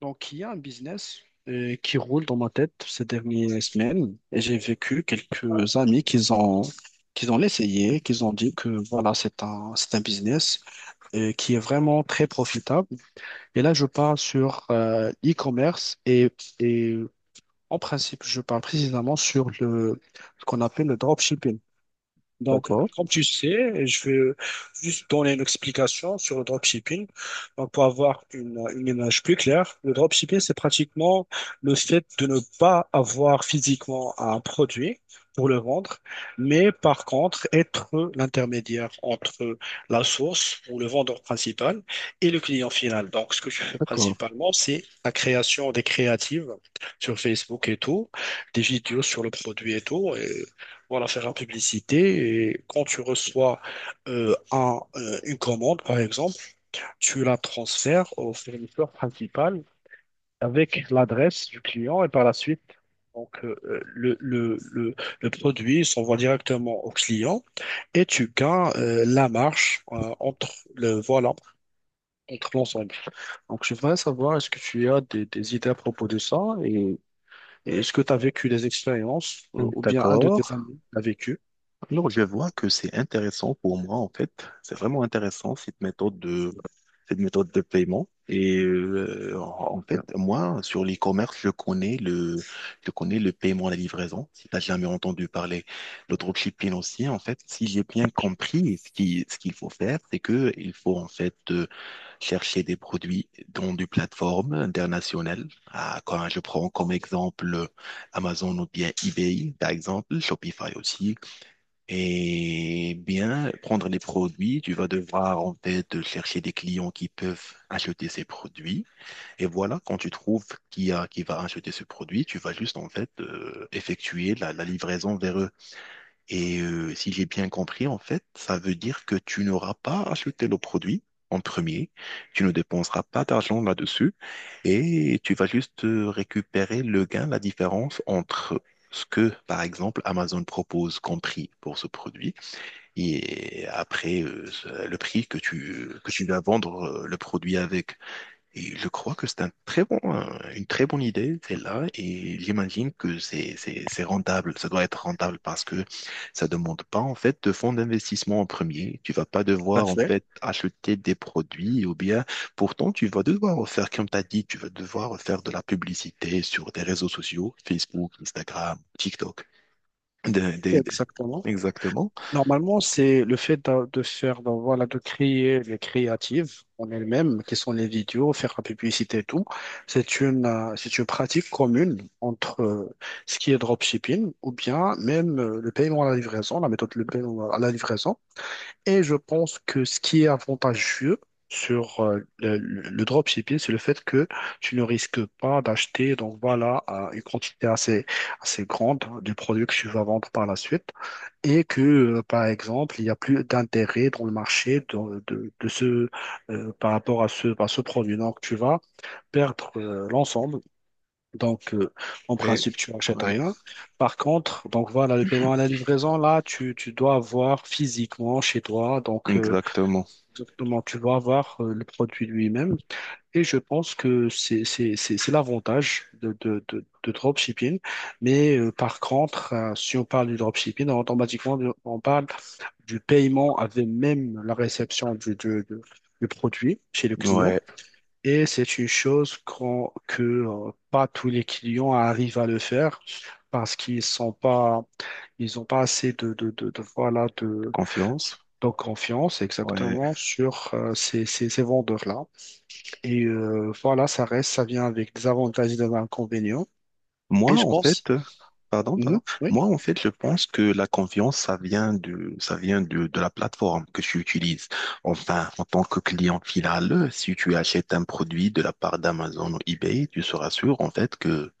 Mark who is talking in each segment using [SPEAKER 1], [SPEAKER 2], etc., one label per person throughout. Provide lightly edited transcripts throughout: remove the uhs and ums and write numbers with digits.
[SPEAKER 1] Donc, il y a un business qui roule dans ma tête ces dernières semaines et j'ai vécu quelques amis qui ont essayé, qui ont dit que voilà, c'est un business qui est vraiment très profitable. Et là, je parle sur l'e-commerce et en principe, je parle précisément sur ce qu'on appelle le dropshipping. Donc,
[SPEAKER 2] D'accord,
[SPEAKER 1] comme tu sais, je vais juste donner une explication sur le dropshipping. Donc, pour avoir une image plus claire, le dropshipping, c'est pratiquement le fait de ne pas avoir physiquement un produit pour le vendre, mais par contre, être l'intermédiaire entre la source ou le vendeur principal et le client final. Donc, ce que je fais
[SPEAKER 2] d'accord,
[SPEAKER 1] principalement, c'est la création des créatives sur Facebook et tout, des vidéos sur le produit et tout. Et voilà, faire la publicité. Et quand tu reçois une commande, par exemple, tu la transfères au fournisseur principal avec l'adresse du client et par la suite, donc, euh, le, le, le, le produit s'envoie directement au client et tu gagnes la marge entre voilà, entre l'ensemble. Donc, je voudrais savoir, est-ce que tu as des idées à propos de ça et, et est-ce que tu as vécu des expériences ou bien un de
[SPEAKER 2] d'accord.
[SPEAKER 1] tes amis l'a vécu?
[SPEAKER 2] Alors, je vois que c'est intéressant pour moi, en fait. C'est vraiment intéressant, cette méthode de paiement. Et en fait,
[SPEAKER 1] euh,
[SPEAKER 2] moi, sur l'e-commerce, je connais le paiement à la livraison, si tu jamais entendu parler. Le dropshipping aussi, en fait, si j'ai bien compris, ce qu'il faut faire, c'est que il faut, en fait, chercher des produits dans des plateformes internationales. Ah, quand je prends comme exemple Amazon ou bien eBay, par exemple, Shopify aussi. Et bien, prendre les produits, tu vas devoir en fait chercher des clients qui peuvent acheter ces produits. Et voilà, quand tu trouves qui va acheter ce produit, tu vas juste en fait effectuer la livraison vers eux. Et si j'ai bien compris, en fait, ça veut dire que tu n'auras pas acheté le produit en premier, tu ne dépenseras pas d'argent là-dessus et tu vas juste récupérer le gain, la différence entre ce que, par exemple, Amazon propose comme prix pour ce produit et après le prix que tu vas vendre le produit avec. Et je crois que c'est une très bonne idée, celle-là, et j'imagine que c'est rentable. Ça doit être rentable parce que ça demande pas, en fait, de fonds d'investissement en premier. Tu vas pas
[SPEAKER 1] l'a
[SPEAKER 2] devoir, en
[SPEAKER 1] fait.
[SPEAKER 2] fait, acheter des produits ou bien, pourtant, tu vas devoir faire, comme tu as dit, tu vas devoir faire de la publicité sur des réseaux sociaux, Facebook, Instagram, TikTok. Des- des- des-
[SPEAKER 1] Exactement.
[SPEAKER 2] Exactement.
[SPEAKER 1] Normalement, c'est le fait voilà, de créer les créatives en elles-mêmes, qui sont les vidéos, faire la publicité et tout. C'est c'est une pratique commune entre ce qui est dropshipping ou bien même le paiement à la livraison, la méthode de paiement à la livraison. Et je pense que ce qui est avantageux sur le dropshipping, c'est le fait que tu ne risques pas d'acheter, donc voilà, une quantité assez grande du produit que tu vas vendre par la suite et que, par exemple, il n'y a plus d'intérêt dans le marché de ce, par rapport à ce produit. Donc, tu vas perdre l'ensemble. Donc, en
[SPEAKER 2] Et-
[SPEAKER 1] principe, tu n'achètes
[SPEAKER 2] ouais.
[SPEAKER 1] rien. Par contre, donc voilà, le paiement à la livraison, là, tu dois avoir physiquement chez toi. Donc,
[SPEAKER 2] Exactement.
[SPEAKER 1] exactement, tu dois avoir le produit lui-même. Et je pense que c'est l'avantage de dropshipping. Mais par contre, si on parle du dropshipping, automatiquement, on parle du paiement avec même la réception du produit chez le client.
[SPEAKER 2] Ouais.
[SPEAKER 1] Et c'est une chose que pas tous les clients arrivent à le faire parce qu'ils sont pas, ils n'ont pas assez voilà,
[SPEAKER 2] Confiance.
[SPEAKER 1] de confiance
[SPEAKER 2] Ouais.
[SPEAKER 1] exactement sur ces vendeurs-là. Et voilà, ça reste, ça vient avec des avantages et des inconvénients.
[SPEAKER 2] Moi,
[SPEAKER 1] Et je
[SPEAKER 2] en fait,
[SPEAKER 1] pense,
[SPEAKER 2] pardon, pardon.
[SPEAKER 1] mhm, oui,
[SPEAKER 2] Moi, en fait, je pense que la confiance, ça vient de la plateforme que tu utilises. Enfin, en tant que client final, si tu achètes un produit de la part d'Amazon ou eBay, tu seras sûr, en fait, que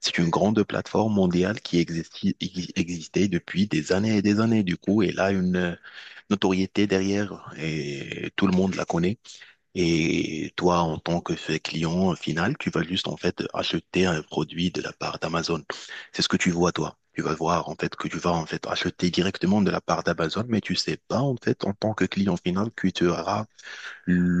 [SPEAKER 2] c'est une grande plateforme mondiale qui existait depuis des années et des années. Du coup, elle a une notoriété derrière et tout le monde la connaît. Et toi, en tant que fait client final, tu vas juste en fait acheter un produit de la part d'Amazon. C'est ce que tu vois, toi. Tu vas voir en fait que tu vas en fait acheter directement de la part d'Amazon, mais tu sais pas en fait en tant que client final que tu auras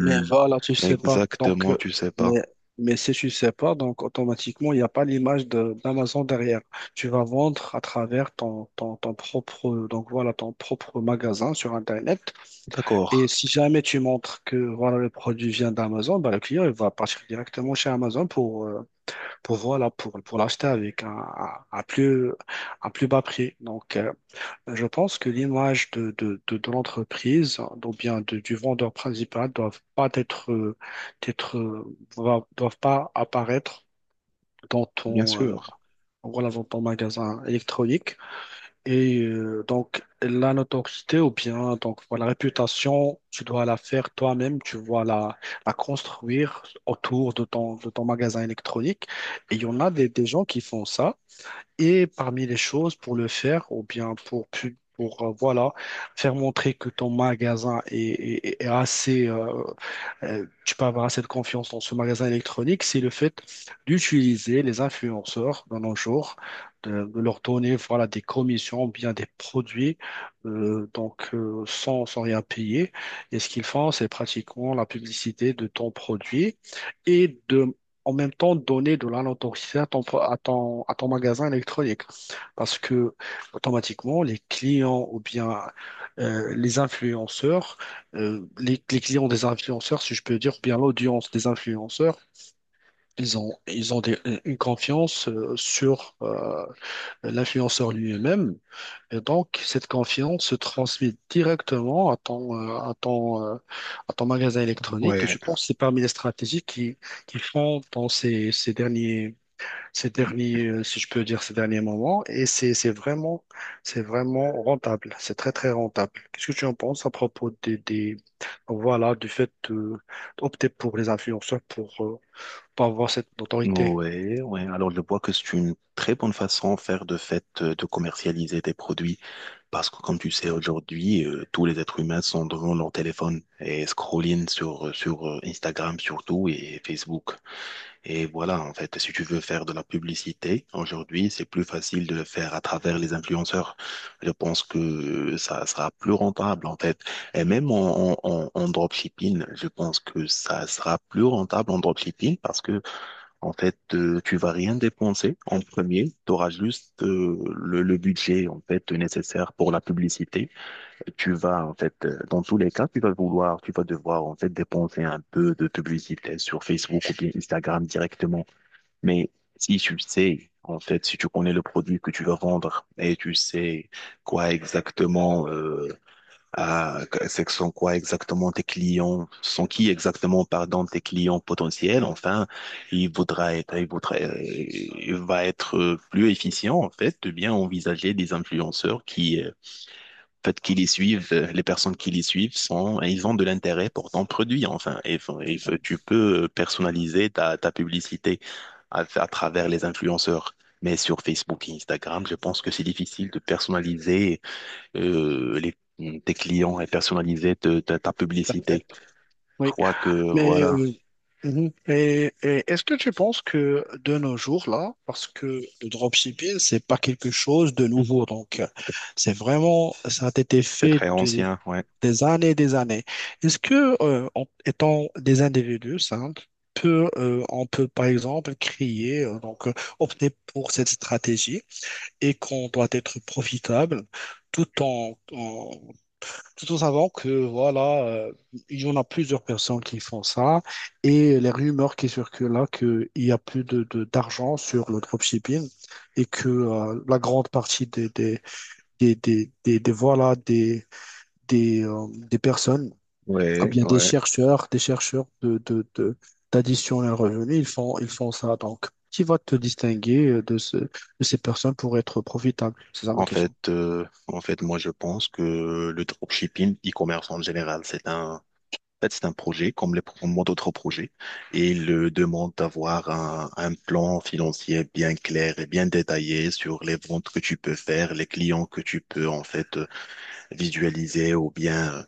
[SPEAKER 1] mais voilà, tu sais pas. Donc,
[SPEAKER 2] exactement, tu sais pas.
[SPEAKER 1] mais, mais si tu sais pas, donc automatiquement, il n'y a pas l'image d'Amazon derrière. Tu vas vendre à travers ton propre, donc voilà, ton propre magasin sur Internet. Et
[SPEAKER 2] D'accord,
[SPEAKER 1] si jamais tu montres que voilà, le produit vient d'Amazon, bah, le client, il va partir directement chez Amazon pour voilà, pour l'acheter avec un plus bas prix. Donc, je pense que l'image de l'entreprise, ou bien du vendeur principal, doivent pas être, être, doivent pas apparaître dans
[SPEAKER 2] bien
[SPEAKER 1] ton,
[SPEAKER 2] sûr.
[SPEAKER 1] voilà, dans ton magasin électronique. Et donc, la notoriété, ou bien donc, voilà, la réputation, tu dois la faire toi-même, tu dois la, la construire autour de ton magasin électronique. Et il y en a des gens qui font ça. Et parmi les choses pour le faire, ou bien pour, pour voilà, faire montrer que ton magasin est assez, tu peux avoir assez de confiance dans ce magasin électronique, c'est le fait d'utiliser les influenceurs dans nos jours, de leur donner voilà, des commissions ou bien des produits donc, sans rien payer. Et ce qu'ils font, c'est pratiquement la publicité de ton produit et de en même temps donner de la notoriété à ton, pro- à ton magasin électronique. Parce que automatiquement, les clients ou bien les influenceurs les clients des influenceurs, si je peux dire, ou bien l'audience des influenceurs, ils ont des- une confiance sur l'influenceur lui-même. Et donc, cette confiance se transmet directement à ton, à ton, à ton magasin électronique. Et
[SPEAKER 2] Ouais.
[SPEAKER 1] je pense que c'est parmi les stratégies qui font dans ces, ces derniers, si je peux dire, ces derniers moments. Et c'est vraiment rentable. C'est très, très rentable. Qu'est-ce que tu en penses à propos des, voilà, du fait d'opter pour les influenceurs pour avoir cette autorité?
[SPEAKER 2] Ouais, ouais. Alors, je vois que c'est une très bonne façon à faire de fait de commercialiser tes produits. Parce que comme tu sais, aujourd'hui, tous les êtres humains sont devant leur téléphone et scrolling sur Instagram surtout et Facebook. Et voilà, en fait, si tu veux faire de la publicité, aujourd'hui, c'est plus facile de le faire à travers les influenceurs. Je pense que ça sera plus rentable, en fait. Et même en dropshipping, je pense que ça sera plus rentable en dropshipping parce que en fait, tu vas rien dépenser en premier. Tu auras juste le budget en fait nécessaire pour la publicité. Tu vas en fait, dans tous les cas, tu vas devoir en fait dépenser un peu de publicité sur Facebook ou bien Instagram directement. Mais si tu sais en fait, si tu connais le produit que tu vas vendre et tu sais quoi exactement, c'est que sont quoi exactement tes clients, sont qui exactement, pardon, tes clients potentiels. Enfin, il voudra être, il voudra, il va être plus efficient, en fait, de bien envisager des influenceurs en fait, qui les suivent, les personnes qui les suivent sont, ils ont de l'intérêt pour ton produit, enfin, et, tu peux personnaliser ta publicité à travers les influenceurs. Mais sur Facebook et Instagram, je pense que c'est difficile de personnaliser les, tes clients et personnaliser ta
[SPEAKER 1] Parfait.
[SPEAKER 2] publicité. Je
[SPEAKER 1] Oui,
[SPEAKER 2] crois que
[SPEAKER 1] mais
[SPEAKER 2] voilà,
[SPEAKER 1] mhm. Et est-ce que tu penses que de nos jours là, parce que le dropshipping c'est pas quelque chose de nouveau, donc c'est vraiment ça a été
[SPEAKER 2] c'est
[SPEAKER 1] fait
[SPEAKER 2] très ancien, ouais.
[SPEAKER 1] des années et des années. Est-ce que, en étant des individus simples, peut, on peut par exemple créer, donc opter pour cette stratégie et qu'on doit être profitable tout en, en- tout en savant que voilà, il y en a plusieurs personnes qui font ça et les rumeurs qui circulent là qu'il y a plus d'argent sur le dropshipping et que la grande partie voilà, des personnes ou
[SPEAKER 2] Ouais,
[SPEAKER 1] bien des
[SPEAKER 2] ouais.
[SPEAKER 1] chercheurs, d'addition à un revenu, ils font ça. Donc, qui va te distinguer de, de ces personnes pour être profitable? C'est ça ma
[SPEAKER 2] En fait,
[SPEAKER 1] question.
[SPEAKER 2] euh, en fait, moi, je pense que le dropshipping, e-commerce en général, en fait, c'est un projet comme les proprement d'autres projets et il demande d'avoir un plan financier bien clair et bien détaillé sur les ventes que tu peux faire, les clients que tu peux, en fait, visualiser ou bien.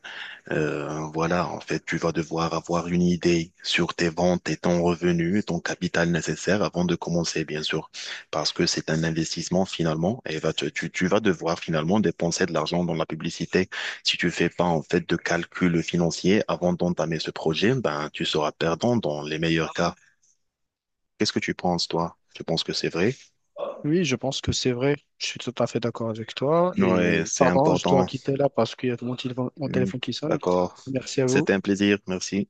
[SPEAKER 2] Voilà, en fait, tu vas devoir avoir une idée sur tes ventes et ton revenu, ton capital nécessaire avant de commencer, bien sûr, parce que c'est un investissement finalement et tu vas devoir finalement dépenser de l'argent dans la publicité. Si tu fais pas en fait de calcul financier avant d'entamer ce projet, ben tu seras perdant dans les meilleurs cas. Qu'est-ce que tu penses, toi? Tu penses que c'est vrai?
[SPEAKER 1] Oui, je pense que c'est vrai. Je suis tout à fait d'accord avec toi.
[SPEAKER 2] Ouais,
[SPEAKER 1] Et
[SPEAKER 2] c'est
[SPEAKER 1] pardon, je dois
[SPEAKER 2] important.
[SPEAKER 1] quitter là parce qu'il y a mon
[SPEAKER 2] Hmm,
[SPEAKER 1] téléphone qui sonne.
[SPEAKER 2] d'accord.
[SPEAKER 1] Merci à vous.
[SPEAKER 2] C'était un plaisir. Merci.